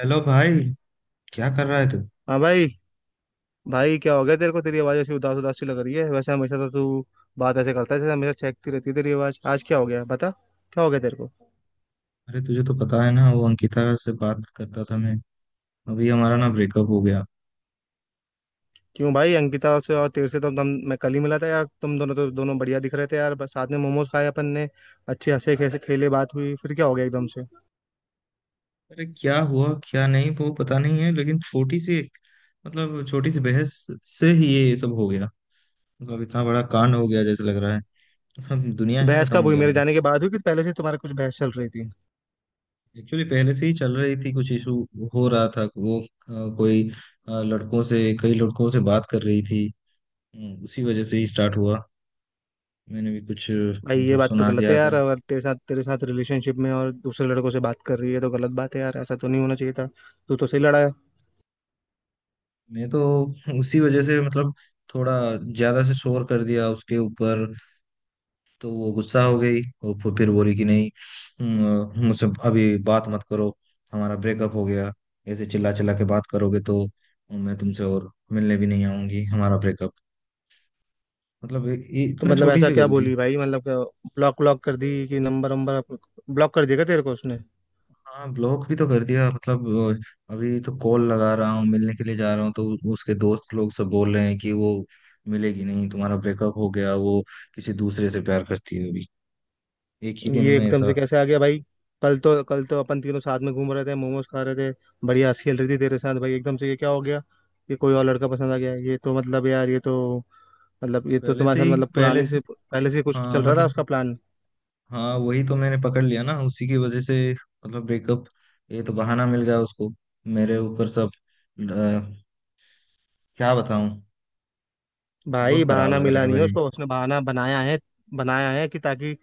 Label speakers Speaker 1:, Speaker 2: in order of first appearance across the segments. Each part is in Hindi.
Speaker 1: हेलो भाई। क्या कर रहा है तू?
Speaker 2: हाँ भाई। भाई, क्या हो गया तेरे को? तेरी आवाज़ ऐसी उदास उदास सी लग रही है। वैसे हमेशा तो तू बात ऐसे करता है, जैसे हमेशा चहकती रहती है तेरी आवाज़। आज क्या हो गया, बता? क्या हो गया तेरे को?
Speaker 1: अरे तुझे तो पता है ना, वो अंकिता से बात करता था मैं। अभी हमारा ना ब्रेकअप हो गया।
Speaker 2: क्यों भाई, अंकिता से? और तेरे से तो हम मैं कल ही मिला था यार। तुम दोनों तो दोनों बढ़िया दिख रहे थे यार। बस साथ में मोमोज खाए अपन ने, अच्छे हंसे खेसे खेले, बात हुई, फिर क्या हो गया एकदम से?
Speaker 1: अरे क्या हुआ क्या नहीं वो पता नहीं है, लेकिन छोटी सी एक मतलब छोटी सी बहस से ही ये सब हो गया। मतलब इतना बड़ा कांड हो गया जैसे लग रहा है अब दुनिया
Speaker 2: तो
Speaker 1: ही
Speaker 2: बहस
Speaker 1: खत्म
Speaker 2: कब
Speaker 1: हो
Speaker 2: हुई,
Speaker 1: गया
Speaker 2: मेरे
Speaker 1: मेरा।
Speaker 2: जाने के बाद हुई कि पहले से तुम्हारे कुछ बहस चल रही थी?
Speaker 1: एक्चुअली पहले से ही चल रही थी कुछ इशू हो रहा था। वो कोई अ, लड़कों से कई लड़कों से बात कर रही थी। उसी वजह से ही स्टार्ट हुआ। मैंने भी कुछ
Speaker 2: भाई, ये
Speaker 1: मतलब
Speaker 2: बात तो
Speaker 1: सुना
Speaker 2: गलत है
Speaker 1: दिया था।
Speaker 2: यार। अगर तेरे साथ, तेरे साथ रिलेशनशिप में और दूसरे लड़कों से बात कर रही है तो गलत बात है यार। ऐसा तो नहीं होना चाहिए था। तू तो सही लड़ा है।
Speaker 1: मैं तो उसी वजह से मतलब थोड़ा ज्यादा से शोर कर दिया उसके ऊपर। तो वो गुस्सा हो गई और फिर बोली कि नहीं, मुझसे अभी बात मत करो, हमारा ब्रेकअप हो गया, ऐसे चिल्ला चिल्ला के बात करोगे तो मैं तुमसे और मिलने भी नहीं आऊंगी, हमारा ब्रेकअप। मतलब ये
Speaker 2: तो
Speaker 1: इतना
Speaker 2: मतलब
Speaker 1: छोटी
Speaker 2: ऐसा
Speaker 1: सी
Speaker 2: क्या
Speaker 1: गलती।
Speaker 2: बोली भाई, मतलब ब्लॉक ब्लॉक कर दी कि नंबर नंबर ब्लॉक कर देगा तेरे को उसने?
Speaker 1: हाँ ब्लॉक भी तो कर दिया मतलब। अभी तो कॉल लगा रहा हूँ, मिलने के लिए जा रहा हूँ तो उसके दोस्त लोग सब बोल रहे हैं कि वो मिलेगी नहीं, तुम्हारा ब्रेकअप हो गया, वो किसी दूसरे से प्यार करती है अभी। एक ही दिन
Speaker 2: ये
Speaker 1: में
Speaker 2: एकदम से
Speaker 1: ऐसा?
Speaker 2: कैसे आ गया भाई? कल तो, कल तो अपन तीनों साथ में घूम रहे थे, मोमोज खा रहे थे। बढ़िया हंसी खेल रही थी तेरे साथ भाई, एकदम से ये क्या हो गया? ये कोई और लड़का पसंद आ गया? ये तो मतलब यार, ये तो मतलब ये तो
Speaker 1: पहले से
Speaker 2: तुम्हारे साथ
Speaker 1: ही
Speaker 2: मतलब
Speaker 1: पहले
Speaker 2: पुरानी
Speaker 1: से
Speaker 2: से पहले से कुछ
Speaker 1: हाँ
Speaker 2: चल रहा था
Speaker 1: मतलब,
Speaker 2: उसका प्लान।
Speaker 1: हाँ वही तो मैंने पकड़ लिया ना, उसी की वजह से मतलब ब्रेकअप। ये तो बहाना मिल गया उसको, मेरे ऊपर सब। अ, क्या बताऊं।
Speaker 2: भाई,
Speaker 1: बहुत खराब
Speaker 2: बहाना
Speaker 1: लग रहा
Speaker 2: मिला
Speaker 1: है
Speaker 2: नहीं है
Speaker 1: भाई।
Speaker 2: उसको, उसने बहाना बनाया है। बनाया है कि ताकि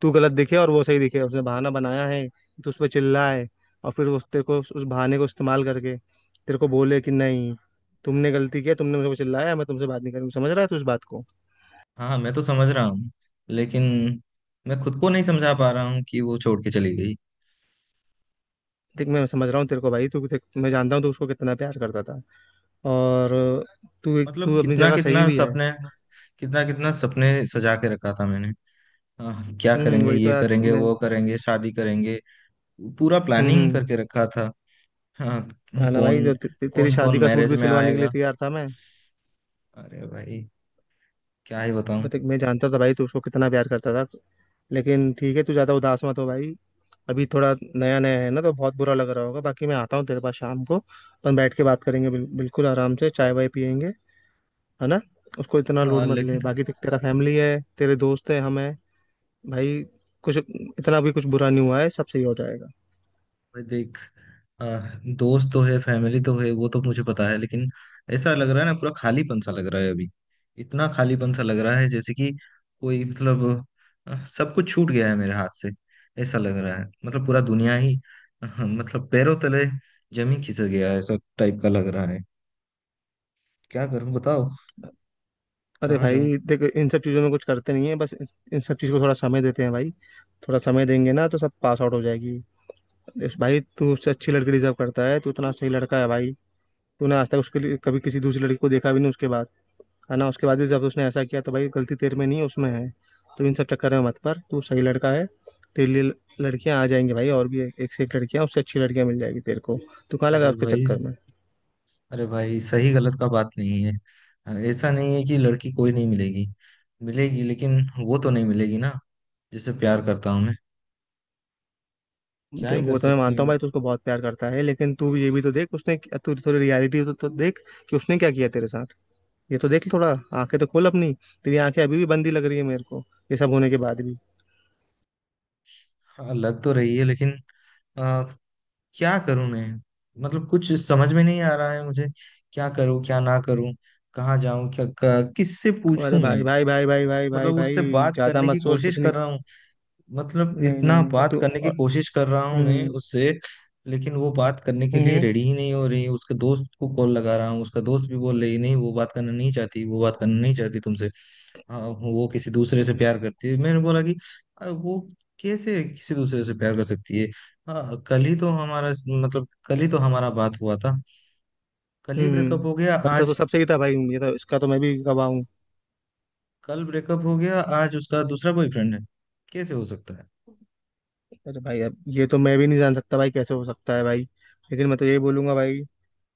Speaker 2: तू गलत दिखे और वो सही दिखे। उसने बहाना बनाया है तो उस पर चिल्लाए, और फिर उस तेरे को उस बहाने को इस्तेमाल करके तेरे को बोले कि नहीं, तुमने गलती किया, तुमने मेरे को चिल्लाया, मैं तुमसे बात नहीं करूंगी। समझ रहा है तू इस बात को?
Speaker 1: हाँ हाँ, मैं तो समझ रहा हूँ, लेकिन मैं खुद को नहीं समझा पा रहा हूँ कि वो छोड़ के चली गई।
Speaker 2: देख, मैं समझ रहा हूँ तेरे को भाई। तू देख, मैं जानता हूँ तू उसको कितना प्यार करता था। और तू तू
Speaker 1: मतलब
Speaker 2: अपनी जगह सही भी है।
Speaker 1: कितना कितना सपने सजा के रखा था मैंने। हाँ, क्या करेंगे,
Speaker 2: वही तो
Speaker 1: ये
Speaker 2: यार
Speaker 1: करेंगे
Speaker 2: मैं।
Speaker 1: वो करेंगे, शादी करेंगे, पूरा
Speaker 2: हम्म
Speaker 1: प्लानिंग
Speaker 2: हम्म,
Speaker 1: करके रखा था। हाँ
Speaker 2: हाँ
Speaker 1: तो
Speaker 2: ना भाई।
Speaker 1: कौन
Speaker 2: तो ते, ते, तेरी
Speaker 1: कौन कौन
Speaker 2: शादी का सूट
Speaker 1: मैरिज
Speaker 2: भी
Speaker 1: में
Speaker 2: सिलवाने के लिए
Speaker 1: आएगा?
Speaker 2: तैयार था मैं।
Speaker 1: अरे भाई क्या ही बताऊं।
Speaker 2: मैं देख, मैं जानता था भाई तू उसको कितना प्यार करता था। लेकिन ठीक है, तू ज्यादा उदास मत हो भाई। अभी थोड़ा नया नया है ना, तो बहुत बुरा लग रहा होगा। बाकी मैं आता हूँ तेरे पास शाम को, अपन बैठ के बात करेंगे, बिल्कुल आराम से चाय वाय पियेंगे। है ना? उसको इतना लोड
Speaker 1: हाँ
Speaker 2: मत ले।
Speaker 1: लेकिन,
Speaker 2: बाकी देख, तेरा फैमिली है, तेरे दोस्त है, हम हैं भाई। कुछ इतना भी कुछ बुरा नहीं हुआ है, सब सही हो जाएगा।
Speaker 1: भाई देख। आ, दोस्त तो है, फैमिली तो है, वो तो मुझे पता है, लेकिन ऐसा लग रहा है ना, पूरा खालीपन सा लग रहा है अभी, इतना खालीपन सा लग रहा है जैसे कि कोई मतलब। सब कुछ छूट गया है मेरे हाथ से, ऐसा लग रहा है। मतलब पूरा दुनिया ही, हाँ, मतलब पैरों तले जमीन खिसक गया है, ऐसा टाइप का लग रहा है। क्या करूं बताओ?
Speaker 2: अरे
Speaker 1: कहाँ जाऊं?
Speaker 2: भाई, देख, इन सब चीज़ों में कुछ करते नहीं है, बस इन सब चीज़ को थोड़ा समय देते हैं भाई। थोड़ा समय देंगे ना, तो सब पास आउट हो जाएगी। भाई, तू उससे अच्छी लड़की डिजर्व करता है। तू इतना सही लड़का है भाई। तूने आज तक उसके लिए कभी किसी दूसरी लड़की को देखा भी नहीं उसके बाद। है ना? उसके बाद भी जब उसने ऐसा किया, तो भाई गलती तेरे में नहीं है, उसमें है। तो इन सब चक्कर में मत पर, तू सही लड़का है। तेरे लिए लड़कियां आ जाएंगी भाई, और भी एक से एक लड़कियां, उससे अच्छी लड़कियां मिल जाएगी तेरे को। तू कहाँ लगा
Speaker 1: अरे
Speaker 2: उसके
Speaker 1: भाई
Speaker 2: चक्कर में?
Speaker 1: अरे भाई सही गलत का बात नहीं है। ऐसा नहीं है कि लड़की कोई नहीं मिलेगी, मिलेगी, लेकिन वो तो नहीं मिलेगी ना, जिससे प्यार करता हूँ मैं। क्या ही कर
Speaker 2: वो तो मैं
Speaker 1: सकते
Speaker 2: मानता
Speaker 1: हैं।
Speaker 2: हूँ भाई, तू उसको बहुत प्यार करता है। लेकिन तू ये भी तो देख उसने। तू थोड़ी रियलिटी तो देख, कि उसने क्या किया तेरे साथ। ये तो देख थोड़ा। आंखें तो खोल अपनी। तेरी आंखें अभी भी बंदी लग रही है मेरे को, ये सब होने के बाद भी।
Speaker 1: हाँ लग तो रही है, लेकिन अ, क्या करूँ मैं? मतलब कुछ समझ में नहीं आ रहा है मुझे, क्या करूँ, क्या ना करूँ, कहाँ जाऊँ, क्या किससे पूछूं
Speaker 2: अरे
Speaker 1: मैं?
Speaker 2: भाई भाई भाई भाई भाई भाई
Speaker 1: मतलब उससे
Speaker 2: भाई,
Speaker 1: बात
Speaker 2: ज्यादा
Speaker 1: करने
Speaker 2: मत
Speaker 1: की
Speaker 2: सोच
Speaker 1: कोशिश
Speaker 2: कुछ। नहीं
Speaker 1: कर रहा हूँ, मतलब
Speaker 2: नहीं नहीं
Speaker 1: इतना
Speaker 2: नहीं
Speaker 1: बात
Speaker 2: तो
Speaker 1: करने की कोशिश कर रहा हूँ मैं
Speaker 2: हम्म।
Speaker 1: उससे, लेकिन वो बात करने के लिए
Speaker 2: हम्म
Speaker 1: रेडी ही नहीं हो रही। उसके दोस्त को कॉल लगा रहा हूँ, उसका दोस्त भी बोल रही है, नहीं वो बात करना नहीं चाहती, वो बात करना नहीं चाहती तुमसे। हाँ वो किसी दूसरे से प्यार करती है। मैंने बोला कि, वो कैसे किसी दूसरे से प्यार कर सकती है? हाँ कल ही तो हमारा बात हुआ था। कल ही
Speaker 2: हम्म।
Speaker 1: ब्रेकअप हो गया
Speaker 2: गलता तो
Speaker 1: आज
Speaker 2: सबसे ही था भाई, ये तो, इसका तो मैं भी गवाह हूँ।
Speaker 1: कल ब्रेकअप हो गया आज उसका दूसरा बॉयफ्रेंड है, कैसे हो सकता है?
Speaker 2: अरे भाई, अब ये तो मैं भी नहीं जान सकता भाई, कैसे हो सकता है भाई। लेकिन मैं तो यही बोलूंगा भाई,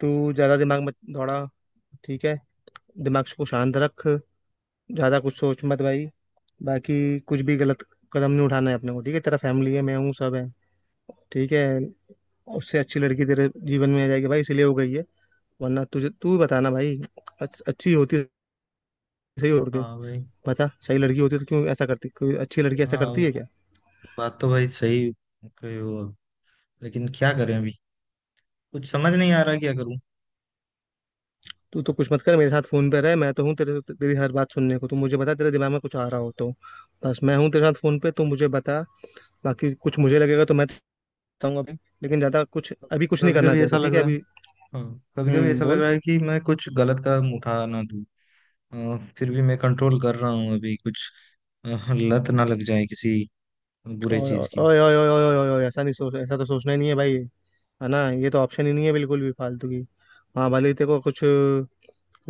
Speaker 2: तू ज्यादा दिमाग मत दौड़ा। ठीक है? दिमाग को शांत रख, ज्यादा कुछ सोच मत भाई। बाकी कुछ भी गलत कदम नहीं उठाना है अपने को, ठीक है? तेरा फैमिली है, मैं हूँ, सब है। ठीक है? उससे अच्छी लड़की तेरे जीवन में आ जाएगी भाई, इसलिए हो गई है। वरना तुझे तू बताना भाई, अच्छी होती सही हो के।
Speaker 1: हाँ भाई।
Speaker 2: बता, सही लड़की होती तो क्यों ऐसा करती? कोई अच्छी लड़की ऐसा करती
Speaker 1: हाँ,
Speaker 2: है क्या?
Speaker 1: बात तो भाई सही कहे हो आप। लेकिन क्या करें अभी? कुछ समझ नहीं आ रहा क्या करूं।
Speaker 2: तू तो कुछ मत कर, मेरे साथ फोन पे रह। मैं तो हूँ तेरे, तेरी हर बात सुनने को। तू मुझे बता, तेरे दिमाग में कुछ आ रहा हो तो। बस मैं हूँ तेरे साथ फोन पे, तू मुझे बता। बाकी कुछ मुझे लगेगा तो मैं बताऊंगा अभी। लेकिन ज्यादा कुछ अभी कुछ नहीं
Speaker 1: कभी
Speaker 2: करना है
Speaker 1: कभी
Speaker 2: तेरे को,
Speaker 1: ऐसा
Speaker 2: ठीक
Speaker 1: लग
Speaker 2: है
Speaker 1: रहा है
Speaker 2: अभी?
Speaker 1: हाँ, कभी कभी ऐसा लग
Speaker 2: बोल।
Speaker 1: रहा है कि मैं कुछ गलत कदम उठा ना दूं। फिर भी मैं कंट्रोल कर रहा हूं अभी कुछ, अ, लत ना लग जाए किसी बुरे
Speaker 2: ओए
Speaker 1: चीज
Speaker 2: ओए
Speaker 1: की।
Speaker 2: ओए ओए ओए ओए ओए, ओए, ऐसा नहीं सोच, ऐसा तो सोचना ही नहीं है भाई। है ना? ये तो ऑप्शन ही नहीं है, बिल्कुल भी फालतू की। हाँ, भले ही तेरे को कुछ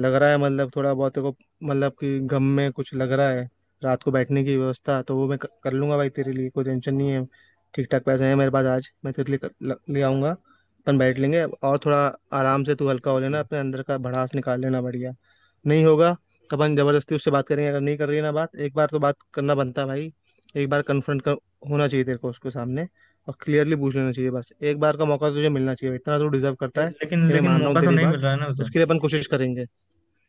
Speaker 2: लग रहा है, मतलब थोड़ा बहुत तेरे को मतलब कि गम में कुछ लग रहा है, रात को बैठने की व्यवस्था तो वो मैं कर लूंगा भाई। तेरे लिए कोई टेंशन नहीं है। ठीक ठाक पैसे हैं मेरे पास आज, मैं तेरे लिए ले आऊंगा। अपन बैठ लेंगे और थोड़ा आराम से तू हल्का हो
Speaker 1: लेकिन
Speaker 2: लेना, अपने अंदर का भड़ास निकाल लेना। बढ़िया नहीं होगा तो अपन जबरदस्ती उससे बात करेंगे। अगर नहीं कर रही है ना बात, एक बार तो बात करना बनता है भाई। एक बार कन्फ्रंट कर, होना चाहिए तेरे को उसके सामने, और क्लियरली पूछ लेना चाहिए। बस एक बार का मौका तुझे मिलना चाहिए, इतना तो डिजर्व करता है।
Speaker 1: लेकिन
Speaker 2: ये मैं
Speaker 1: लेकिन
Speaker 2: मान रहा
Speaker 1: मौका
Speaker 2: हूँ
Speaker 1: तो
Speaker 2: तेरी
Speaker 1: नहीं
Speaker 2: बात,
Speaker 1: मिल रहा है ना उसे।
Speaker 2: उसके लिए अपन कोशिश करेंगे।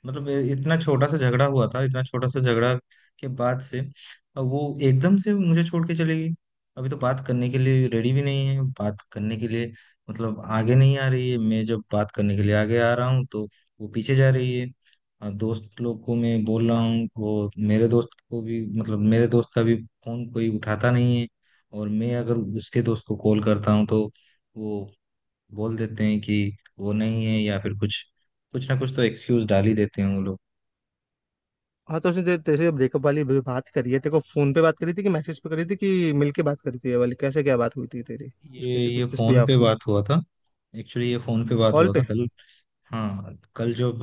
Speaker 1: मतलब ये इतना छोटा सा झगड़ा हुआ था, इतना छोटा सा झगड़ा के बाद से अब वो एकदम से मुझे छोड़ के चली गई। अभी तो बात करने के लिए रेडी भी नहीं है बात करने के लिए। मतलब आगे नहीं आ रही है, मैं जब बात करने के लिए आगे आ रहा हूँ तो वो पीछे जा रही है। और दोस्त लोग को मैं बोल रहा हूँ, वो मेरे दोस्त को भी मतलब मेरे दोस्त का भी फोन कोई उठाता नहीं है। और मैं अगर उसके दोस्त को कॉल करता हूँ तो वो बोल देते हैं कि वो नहीं है या फिर कुछ कुछ ना कुछ तो एक्सक्यूज डाल ही देते हैं वो लोग।
Speaker 2: हाँ, तो उसने तेरे तेरे से ब्रेकअप वाली भी बात करी है? तेरे को फोन पे बात करी थी कि मैसेज पे करी थी कि मिल के बात करी थी ये वाली? कैसे, क्या बात हुई थी तेरी
Speaker 1: ये
Speaker 2: उसके इस,
Speaker 1: ये
Speaker 2: इस
Speaker 1: फोन पे
Speaker 2: बिहाफ में?
Speaker 1: बात हुआ था। एक्चुअली ये फोन पे बात
Speaker 2: कॉल
Speaker 1: हुआ था
Speaker 2: पे?
Speaker 1: कल। हाँ कल जब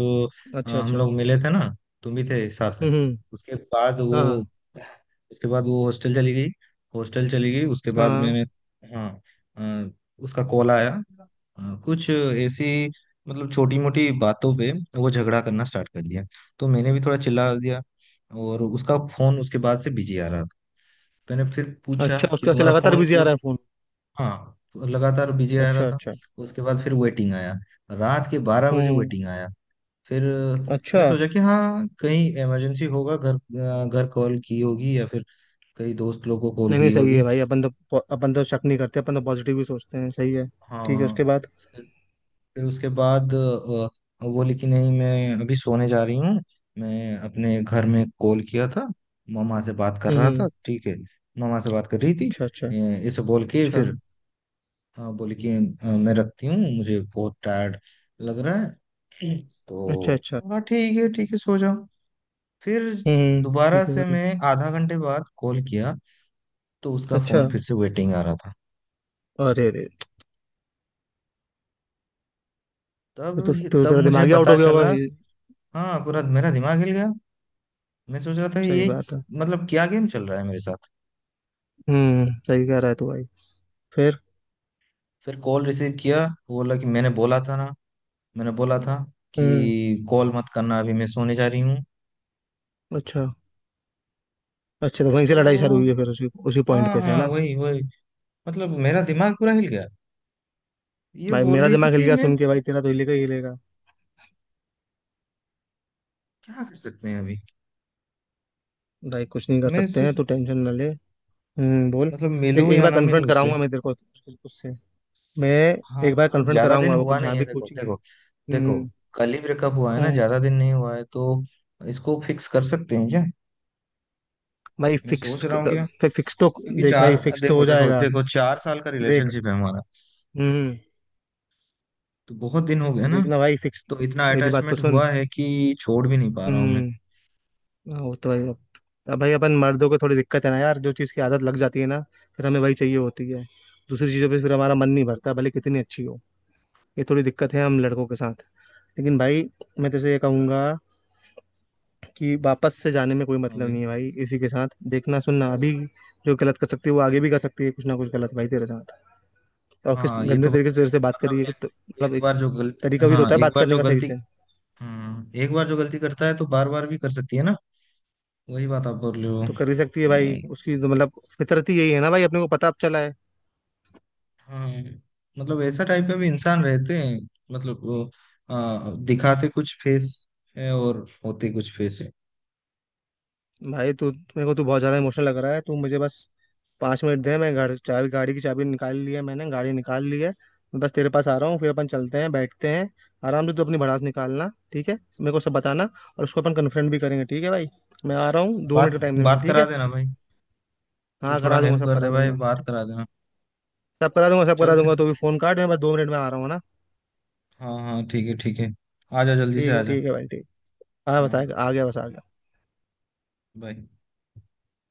Speaker 2: अच्छा
Speaker 1: हम
Speaker 2: अच्छा।
Speaker 1: लोग मिले थे ना, तुम भी थे साथ में।
Speaker 2: हम्म।
Speaker 1: उसके बाद वो
Speaker 2: हाँ।
Speaker 1: उसके बाद वो हॉस्टल चली गई। हॉस्टल चली गई उसके
Speaker 2: हाँ
Speaker 1: बाद
Speaker 2: हाँ।
Speaker 1: मैंने, हाँ, अ, उसका कॉल आया। हाँ, कुछ ऐसी मतलब छोटी मोटी बातों पे वो झगड़ा करना स्टार्ट कर दिया, तो मैंने भी थोड़ा चिल्ला दिया। और उसका फोन उसके बाद से बिजी आ रहा था, तो मैंने फिर पूछा
Speaker 2: अच्छा,
Speaker 1: कि
Speaker 2: उसके ऐसे
Speaker 1: तुम्हारा
Speaker 2: लगातार
Speaker 1: फोन
Speaker 2: बिजी आ
Speaker 1: क्यों।
Speaker 2: रहा है फोन?
Speaker 1: हाँ लगातार बिजी आ रहा
Speaker 2: अच्छा
Speaker 1: था।
Speaker 2: अच्छा।
Speaker 1: उसके बाद फिर वेटिंग आया, रात के 12 बजे
Speaker 2: हम्म।
Speaker 1: वेटिंग आया। फिर मैं
Speaker 2: अच्छा।
Speaker 1: सोचा कि हाँ कहीं इमरजेंसी होगा, घर कॉल की होगी या फिर कई दोस्त लोग को कॉल
Speaker 2: नहीं नहीं,
Speaker 1: की
Speaker 2: सही
Speaker 1: होगी।
Speaker 2: है भाई। अपन तो शक नहीं करते, अपन तो पॉजिटिव ही सोचते हैं। सही है। ठीक है,
Speaker 1: हाँ
Speaker 2: उसके बाद?
Speaker 1: फिर उसके बाद वो लिखी नहीं, मैं अभी सोने जा रही हूँ, मैं अपने घर में कॉल किया था, मामा से बात कर रहा था,
Speaker 2: हम्म।
Speaker 1: ठीक है मामा से बात कर रही थी।
Speaker 2: अच्छा। अच्छा।
Speaker 1: अ, इसे बोल के
Speaker 2: अच्छा।
Speaker 1: फिर बोली कि मैं रखती हूँ, मुझे बहुत टायर्ड लग रहा है,
Speaker 2: अच्छा।
Speaker 1: तो।
Speaker 2: अच्छा।
Speaker 1: हाँ ठीक है सो जाओ। फिर दोबारा
Speaker 2: ठीक है
Speaker 1: से
Speaker 2: भाई।
Speaker 1: मैं आधा घंटे बाद कॉल किया, तो उसका
Speaker 2: अच्छा।
Speaker 1: फोन फिर से वेटिंग आ रहा था,
Speaker 2: अरे अरे, ये तो
Speaker 1: तब
Speaker 2: तो
Speaker 1: तब
Speaker 2: तेरा
Speaker 1: मुझे
Speaker 2: दिमाग ही आउट
Speaker 1: पता
Speaker 2: हो गया होगा
Speaker 1: चला।
Speaker 2: ये।
Speaker 1: हाँ पूरा मेरा दिमाग हिल गया। मैं सोच रहा था
Speaker 2: सही
Speaker 1: ये,
Speaker 2: बात है।
Speaker 1: मतलब क्या गेम चल रहा है मेरे साथ।
Speaker 2: सही कह रहा है तू भाई। फिर?
Speaker 1: फिर कॉल रिसीव किया, वो बोला कि मैंने बोला था
Speaker 2: हम्म।
Speaker 1: कि कॉल मत करना, अभी मैं सोने जा रही हूँ,
Speaker 2: अच्छा अच्छा, तो वहीं से लड़ाई शुरू
Speaker 1: तो।
Speaker 2: हुई है फिर, उसी उसी पॉइंट
Speaker 1: हाँ
Speaker 2: पे से, है
Speaker 1: हाँ,
Speaker 2: ना?
Speaker 1: वही वही। मतलब मेरा दिमाग पूरा हिल गया, ये
Speaker 2: भाई,
Speaker 1: बोल
Speaker 2: मेरा
Speaker 1: रही थी
Speaker 2: दिमाग हिल
Speaker 1: कि
Speaker 2: गया
Speaker 1: मैं।
Speaker 2: सुन के, भाई तेरा तो हिलेगा ही हिलेगा।
Speaker 1: क्या कर सकते हैं अभी?
Speaker 2: भाई, कुछ नहीं कर
Speaker 1: मैं
Speaker 2: सकते
Speaker 1: सो-
Speaker 2: हैं तो टेंशन ना ले। बोल।
Speaker 1: मतलब
Speaker 2: देख,
Speaker 1: मिलूं
Speaker 2: एक
Speaker 1: या
Speaker 2: बार
Speaker 1: ना
Speaker 2: कन्फ्रंट
Speaker 1: मिलूं उससे।
Speaker 2: कराऊंगा मैं तेरे को उससे। मैं
Speaker 1: हाँ
Speaker 2: एक बार
Speaker 1: मतलब
Speaker 2: कन्फ्रंट
Speaker 1: ज्यादा दिन
Speaker 2: कराऊंगा, वो
Speaker 1: हुआ नहीं
Speaker 2: जहाँ
Speaker 1: है,
Speaker 2: भी
Speaker 1: देखो
Speaker 2: कोचिंग।
Speaker 1: देखो देखो,
Speaker 2: हम्म
Speaker 1: कल ही ब्रेकअप हुआ है ना,
Speaker 2: हम्म।
Speaker 1: ज्यादा दिन नहीं हुआ है, तो इसको फिक्स कर सकते हैं क्या?
Speaker 2: भाई
Speaker 1: मैं सोच
Speaker 2: फिक्स,
Speaker 1: रहा हूँ, क्या,
Speaker 2: फिक्स तो।
Speaker 1: क्योंकि
Speaker 2: देख भाई,
Speaker 1: चार,
Speaker 2: फिक्स तो
Speaker 1: देखो
Speaker 2: हो
Speaker 1: देखो
Speaker 2: जाएगा।
Speaker 1: देखो, 4 साल का
Speaker 2: देख।
Speaker 1: रिलेशनशिप है हमारा,
Speaker 2: हम्म।
Speaker 1: तो बहुत दिन हो गए ना,
Speaker 2: देखना भाई फिक्स।
Speaker 1: तो इतना
Speaker 2: मेरी बात तो
Speaker 1: अटैचमेंट
Speaker 2: सुन।
Speaker 1: हुआ है कि छोड़ भी नहीं पा रहा हूँ मैं।
Speaker 2: हम्म। हाँ, वो तो भाई अब भाई अपन मर्दों को थोड़ी दिक्कत है ना यार, जो चीज़ की आदत लग जाती है ना, फिर हमें वही चाहिए होती है। दूसरी चीज़ों पे फिर हमारा मन नहीं भरता, भले कितनी अच्छी हो। ये थोड़ी दिक्कत है हम लड़कों के साथ। लेकिन भाई, मैं तुझे ये कहूंगा कि वापस से जाने में कोई
Speaker 1: हाँ
Speaker 2: मतलब
Speaker 1: भाई।
Speaker 2: नहीं है भाई इसी के साथ। देखना, सुनना अभी, जो गलत कर सकती है वो आगे भी कर सकती है, कुछ ना कुछ गलत भाई तेरे साथ। और किस
Speaker 1: हाँ, ये
Speaker 2: गंदे
Speaker 1: तो
Speaker 2: तरीके से
Speaker 1: बात है।
Speaker 2: तेरे से बात करी
Speaker 1: मतलब
Speaker 2: है, तो
Speaker 1: एक,
Speaker 2: मतलब
Speaker 1: एक
Speaker 2: एक
Speaker 1: बार जो गलती,
Speaker 2: तरीका भी तो
Speaker 1: हाँ,
Speaker 2: होता है
Speaker 1: एक
Speaker 2: बात
Speaker 1: बार
Speaker 2: करने
Speaker 1: जो
Speaker 2: का सही
Speaker 1: गलती,
Speaker 2: से।
Speaker 1: हाँ, एक बार जो गलती करता है तो बार बार भी कर सकती है ना? वही बात आप बोल रहे हो।
Speaker 2: वो तो कर ही सकती है भाई,
Speaker 1: हम्म,
Speaker 2: उसकी तो मतलब फितरत ही यही है ना भाई, अपने को पता अब चला है।
Speaker 1: हाँ, मतलब ऐसा टाइप का भी इंसान रहते हैं, मतलब वो, दिखाते कुछ फेस है और होते कुछ फेस है।
Speaker 2: भाई, तू मेरे को, तू बहुत ज्यादा इमोशनल लग रहा है। तू मुझे बस 5 मिनट दे, मैं गाड़ी चाबी, गाड़ी की चाबी निकाल ली है मैंने, गाड़ी निकाल ली है। मैं बस तेरे पास आ रहा हूँ, फिर अपन चलते हैं, बैठते हैं आराम से। तू अपनी भड़ास निकालना, ठीक है? मेरे को सब बताना। और उसको अपन कन्फ्रंट भी करेंगे, ठीक है भाई? मैं आ रहा हूँ, दो मिनट
Speaker 1: बात
Speaker 2: का टाइम दे मेरे को,
Speaker 1: बात
Speaker 2: ठीक
Speaker 1: करा
Speaker 2: है?
Speaker 1: देना भाई, तू
Speaker 2: हाँ,
Speaker 1: थोड़ा
Speaker 2: करा दूंगा,
Speaker 1: हेल्प
Speaker 2: सब
Speaker 1: कर दे
Speaker 2: करा
Speaker 1: भाई,
Speaker 2: दूंगा।
Speaker 1: बात करा देना।
Speaker 2: सब करा दूंगा, सब करा
Speaker 1: चलते।
Speaker 2: दूंगा, तो भी फोन काट, मैं बस 2 मिनट में आ रहा हूँ ना।
Speaker 1: हाँ हाँ ठीक है ठीक है, आ जा जल्दी से
Speaker 2: ठीक
Speaker 1: आ
Speaker 2: है,
Speaker 1: जा।
Speaker 2: ठीक है भाई, ठीक। हाँ, बस
Speaker 1: हाँ
Speaker 2: आ आ गया, बस आ गया।
Speaker 1: बाय।